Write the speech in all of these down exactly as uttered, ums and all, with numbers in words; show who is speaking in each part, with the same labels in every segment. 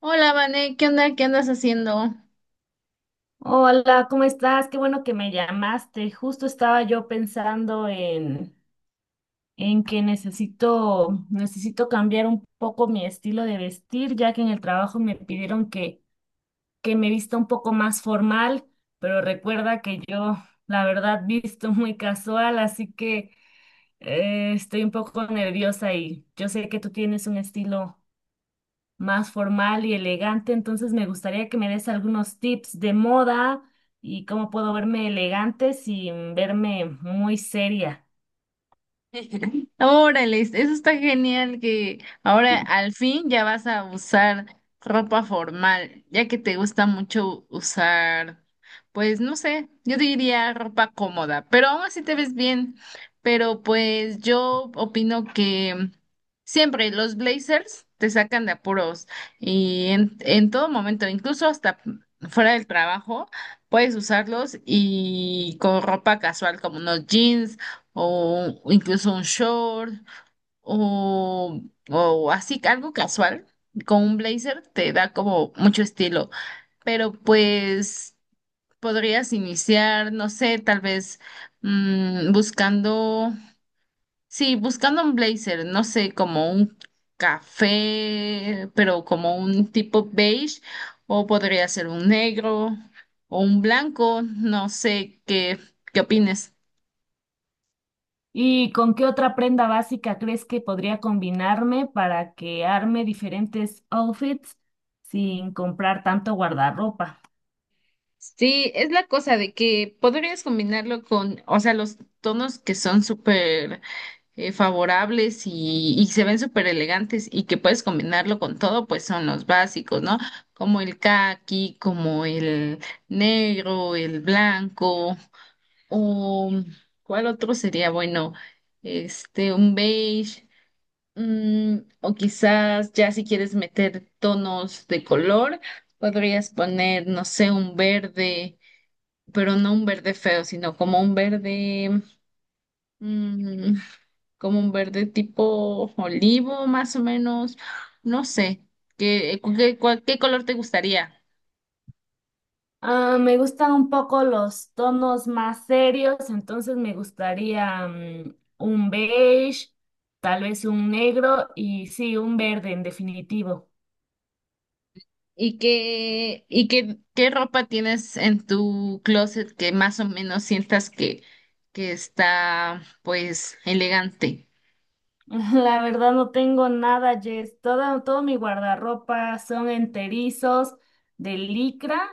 Speaker 1: Hola, Vané, ¿qué onda? ¿Qué andas haciendo?
Speaker 2: Hola, ¿cómo estás? Qué bueno que me llamaste. Justo estaba yo pensando en, en que necesito, necesito cambiar un poco mi estilo de vestir, ya que en el trabajo me pidieron que, que me vista un poco más formal, pero recuerda que yo, la verdad, visto muy casual, así que eh, estoy un poco nerviosa y yo sé que tú tienes un estilo más formal y elegante. Entonces me gustaría que me des algunos tips de moda y cómo puedo verme elegante sin verme muy seria.
Speaker 1: Órale, eso está genial que ahora al fin ya vas a usar ropa formal, ya que te gusta mucho usar, pues no sé, yo diría ropa cómoda, pero aún así te ves bien. Pero pues yo opino que siempre los blazers te sacan de apuros y en, en todo momento, incluso hasta fuera del trabajo, puedes usarlos y con ropa casual como unos jeans o incluso un short o, o así algo casual con un blazer te da como mucho estilo, pero pues podrías iniciar, no sé, tal vez mm, buscando, sí, buscando un blazer, no sé, como un café, pero como un tipo beige o podría ser un negro o un blanco, no sé qué, qué opines.
Speaker 2: ¿Y con qué otra prenda básica crees que podría combinarme para que arme diferentes outfits sin comprar tanto guardarropa?
Speaker 1: Sí, es la cosa de que podrías combinarlo con, o sea, los tonos que son súper eh, favorables y, y se ven súper elegantes y que puedes combinarlo con todo, pues son los básicos, ¿no? Como el caqui, como el negro, el blanco, o ¿cuál otro sería? Bueno, este, un beige, mm, o quizás ya si quieres meter tonos de color, podrías poner, no sé, un verde pero no un verde feo, sino como un verde, mm, como un verde tipo olivo, más o menos, no sé, ¿qué, qué, cuál- qué color te gustaría?
Speaker 2: Ah, me gustan un poco los tonos más serios, entonces me gustaría mm, un beige, tal vez un negro y sí, un verde en definitivo.
Speaker 1: ¿Y qué, y qué, qué ropa tienes en tu closet que más o menos sientas que, que está, pues, elegante?
Speaker 2: La verdad no tengo nada, Jess. Todo, todo mi guardarropa son enterizos de licra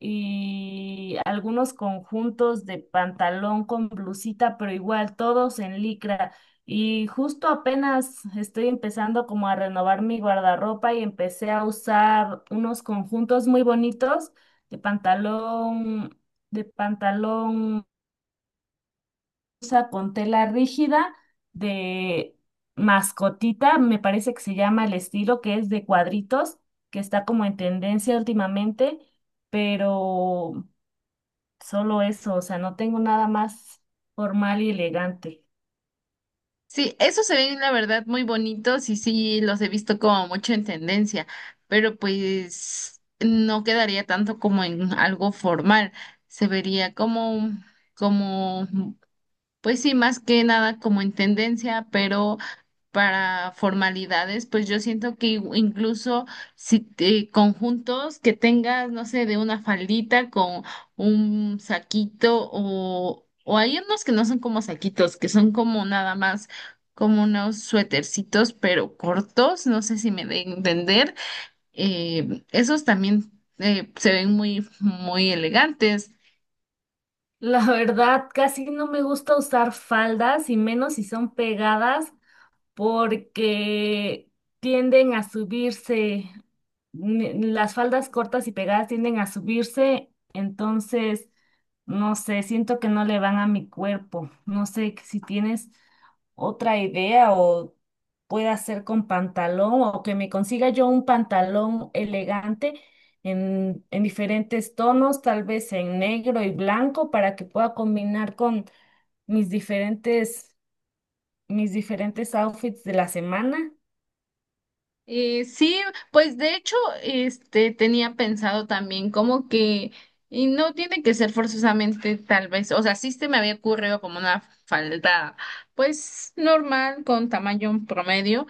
Speaker 2: y algunos conjuntos de pantalón con blusita, pero igual todos en licra. Y justo apenas estoy empezando como a renovar mi guardarropa y empecé a usar unos conjuntos muy bonitos de pantalón, de pantalón usa con tela rígida de mascotita, me parece que se llama el estilo, que es de cuadritos, que está como en tendencia últimamente, pero solo eso. O sea, no tengo nada más formal y elegante.
Speaker 1: Sí, esos se ven la verdad muy bonitos y sí los he visto como mucho en tendencia, pero pues no quedaría tanto como en algo formal, se vería como, como pues sí, más que nada como en tendencia, pero para formalidades, pues yo siento que i- incluso si te- conjuntos que tengas, no sé, de una faldita con un saquito o, o hay unos que no son como saquitos, que son como nada más como unos suétercitos, pero cortos, no sé si me de entender, eh, esos también eh, se ven muy, muy elegantes.
Speaker 2: La verdad, casi no me gusta usar faldas y menos si son pegadas porque tienden a subirse, mm, las faldas cortas y pegadas tienden a subirse. Entonces, no sé, siento que no le van a mi cuerpo. No sé si tienes otra idea o pueda hacer con pantalón o que me consiga yo un pantalón elegante en, en diferentes tonos, tal vez en negro y blanco, para que pueda combinar con mis diferentes mis diferentes outfits de la semana.
Speaker 1: Eh, sí, pues de hecho, este tenía pensado también como que, y no tiene que ser forzosamente tal vez, o sea, sí se me había ocurrido como una falda, pues normal, con tamaño promedio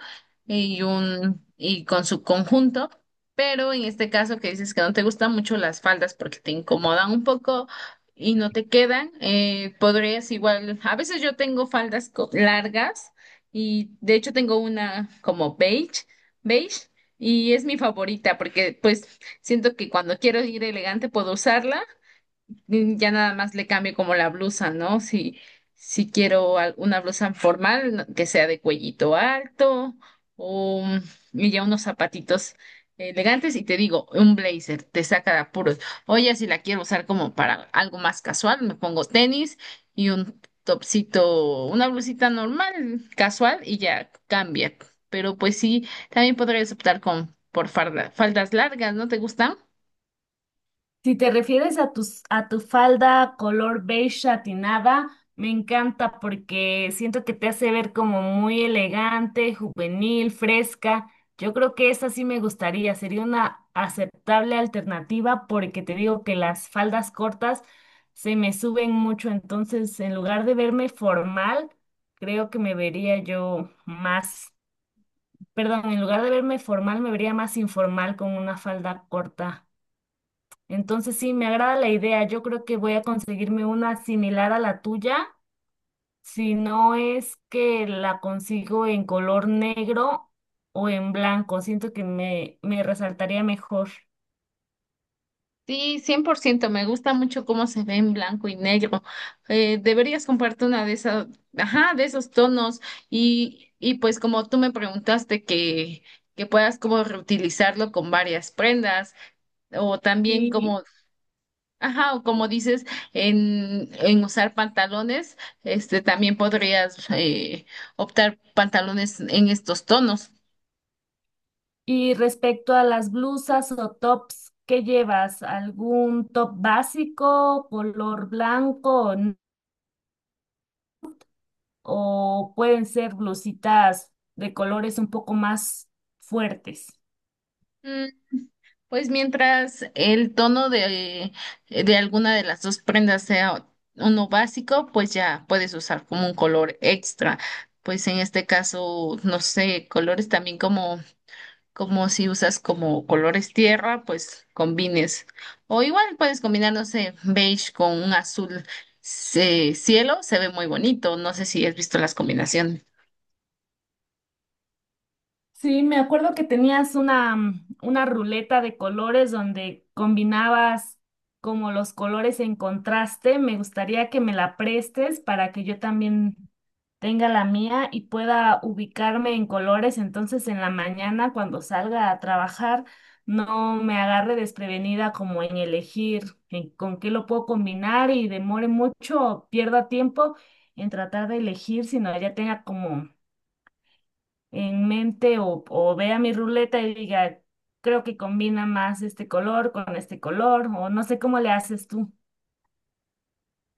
Speaker 1: y un, y con su conjunto, pero en este caso que dices que no te gustan mucho las faldas porque te incomodan un poco y no te quedan, eh, podrías igual, a veces yo tengo faldas co- largas. Y de hecho tengo una como beige beige y es mi favorita porque pues siento que cuando quiero ir elegante puedo usarla mm, ya nada más le cambio como la blusa, ¿no? Si, si quiero al- una blusa formal no- que sea de cuellito alto o mm, y ya unos zapatitos elegantes y te digo, un blazer, te saca de apuros. O ya si la quiero usar como para algo más casual, me pongo tenis y un topsito, una blusita normal, casual y ya cambia. Pero pues sí, también podrías optar con por farda- faldas largas, ¿no te gustan?
Speaker 2: Si te refieres a tus, a tu falda color beige satinada, me encanta porque siento que te hace ver como muy elegante, juvenil, fresca. Yo creo que esa sí me gustaría, sería una aceptable alternativa, porque te digo que las faldas cortas se me suben mucho, entonces en lugar de verme formal, creo que me vería yo más. Perdón, en lugar de verme formal, me vería más informal con una falda corta. Entonces sí, me agrada la idea. Yo creo que voy a conseguirme una similar a la tuya, si no es que la consigo en color negro o en blanco. Siento que me, me resaltaría mejor.
Speaker 1: Sí, cien por ciento. me gusta mucho cómo se ve en blanco y negro. Eh, deberías comprarte una de esas, ajá, de esos tonos y, y pues como tú me preguntaste que, que, puedas como reutilizarlo con varias prendas o también
Speaker 2: Y,
Speaker 1: como, ajá, o como dices en, en usar pantalones, este también podrías eh, optar pantalones en estos tonos.
Speaker 2: y respecto a las blusas o tops, ¿qué llevas? ¿Algún top básico, color blanco? O pueden ser blusitas de colores un poco más fuertes.
Speaker 1: Pues mientras el tono de, de alguna de las dos prendas sea uno básico, pues ya puedes usar como un color extra. Pues en este caso, no sé, colores también como, como si usas como colores tierra, pues combines. O igual puedes combinar, no sé, beige con un azul eh, cielo, se ve muy bonito. No sé si has visto las combinaciones.
Speaker 2: Sí, me acuerdo que tenías una, mm, una ruleta de colores donde combinabas como los colores en contraste. Me gustaría que me la prestes para que yo también tenga la mía y pueda ubicarme en colores. Entonces en la mañana cuando salga a trabajar no me agarre desprevenida como en elegir en con qué lo puedo combinar y demore mucho o pierda tiempo en tratar de elegir, sino ya tenga como en mente o, o vea mi ruleta y diga, creo que combina más este color con este color, o no sé cómo le haces tú.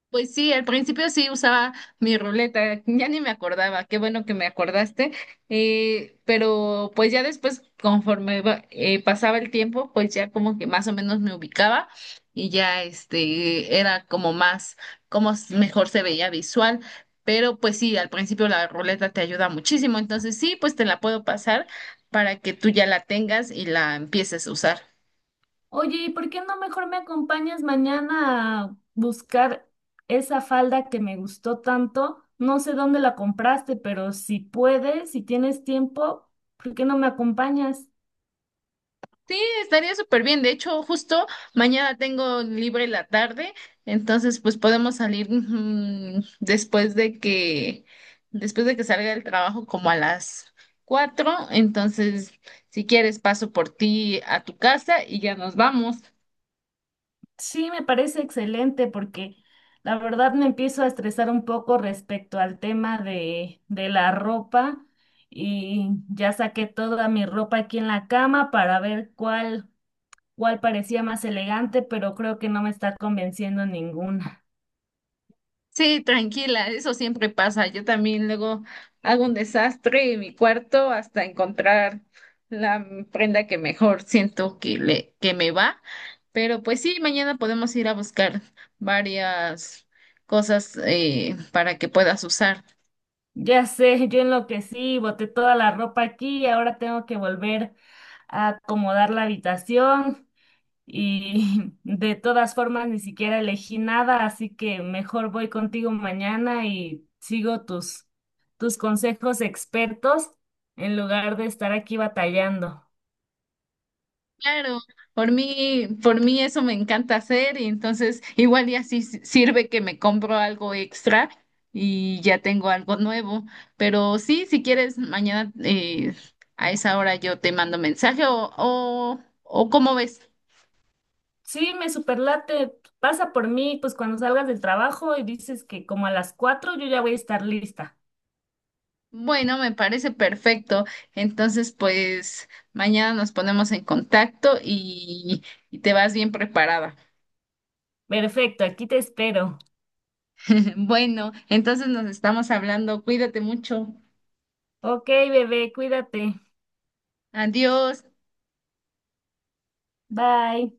Speaker 1: Pues sí, al principio sí usaba mi ruleta, ya ni me acordaba, qué bueno que me acordaste, eh, pero pues ya después, conforme va- eh, pasaba el tiempo, pues ya como que más o menos me ubicaba y ya este era como más, como s- mejor se veía visual, pero pues sí, al principio la ruleta te ayuda muchísimo, entonces sí, pues te la puedo pasar para que tú ya la tengas y la empieces a usar.
Speaker 2: Oye, ¿y por qué no mejor me acompañas mañana a buscar esa falda que me gustó tanto? No sé dónde la compraste, pero si puedes, si tienes tiempo, ¿por qué no me acompañas?
Speaker 1: Sí, estaría súper bien. De hecho, justo mañana tengo libre la tarde, entonces pues podemos salir mm, después de que después de que salga del trabajo como a las cuatro. Entonces, si quieres, paso por ti a tu casa y ya nos vamos.
Speaker 2: Sí, me parece excelente porque la verdad me empiezo a estresar un poco respecto al tema de, de la ropa y ya saqué toda mi ropa aquí en la cama para ver cuál, cuál parecía más elegante, pero creo que no me está convenciendo ninguna.
Speaker 1: Sí, tranquila, eso siempre pasa. Yo también luego hago un desastre en mi cuarto hasta encontrar la prenda que mejor siento que le que me va. Pero pues sí, mañana podemos ir a buscar varias cosas eh, para que puedas usar.
Speaker 2: Ya sé, yo enloquecí, boté toda la ropa aquí y ahora tengo que volver a acomodar la habitación. Y de todas formas, ni siquiera elegí nada, así que mejor voy contigo mañana y sigo tus, tus consejos expertos en lugar de estar aquí batallando.
Speaker 1: Claro, por mí, por mí eso me encanta hacer y entonces igual y así si- sirve que me compro algo extra y ya tengo algo nuevo. Pero sí, si quieres, mañana eh, a esa hora yo te mando mensaje o, o, o ¿cómo ves?
Speaker 2: Sí, me superlate, pasa por mí, pues cuando salgas del trabajo y dices que como a las cuatro yo ya voy a estar lista.
Speaker 1: Bueno, me parece perfecto. Entonces, pues mañana nos ponemos en contacto y, y te vas bien preparada.
Speaker 2: Perfecto, aquí te espero.
Speaker 1: Bueno, entonces nos estamos hablando. Cuídate mucho.
Speaker 2: Ok, bebé, cuídate.
Speaker 1: Adiós.
Speaker 2: Bye.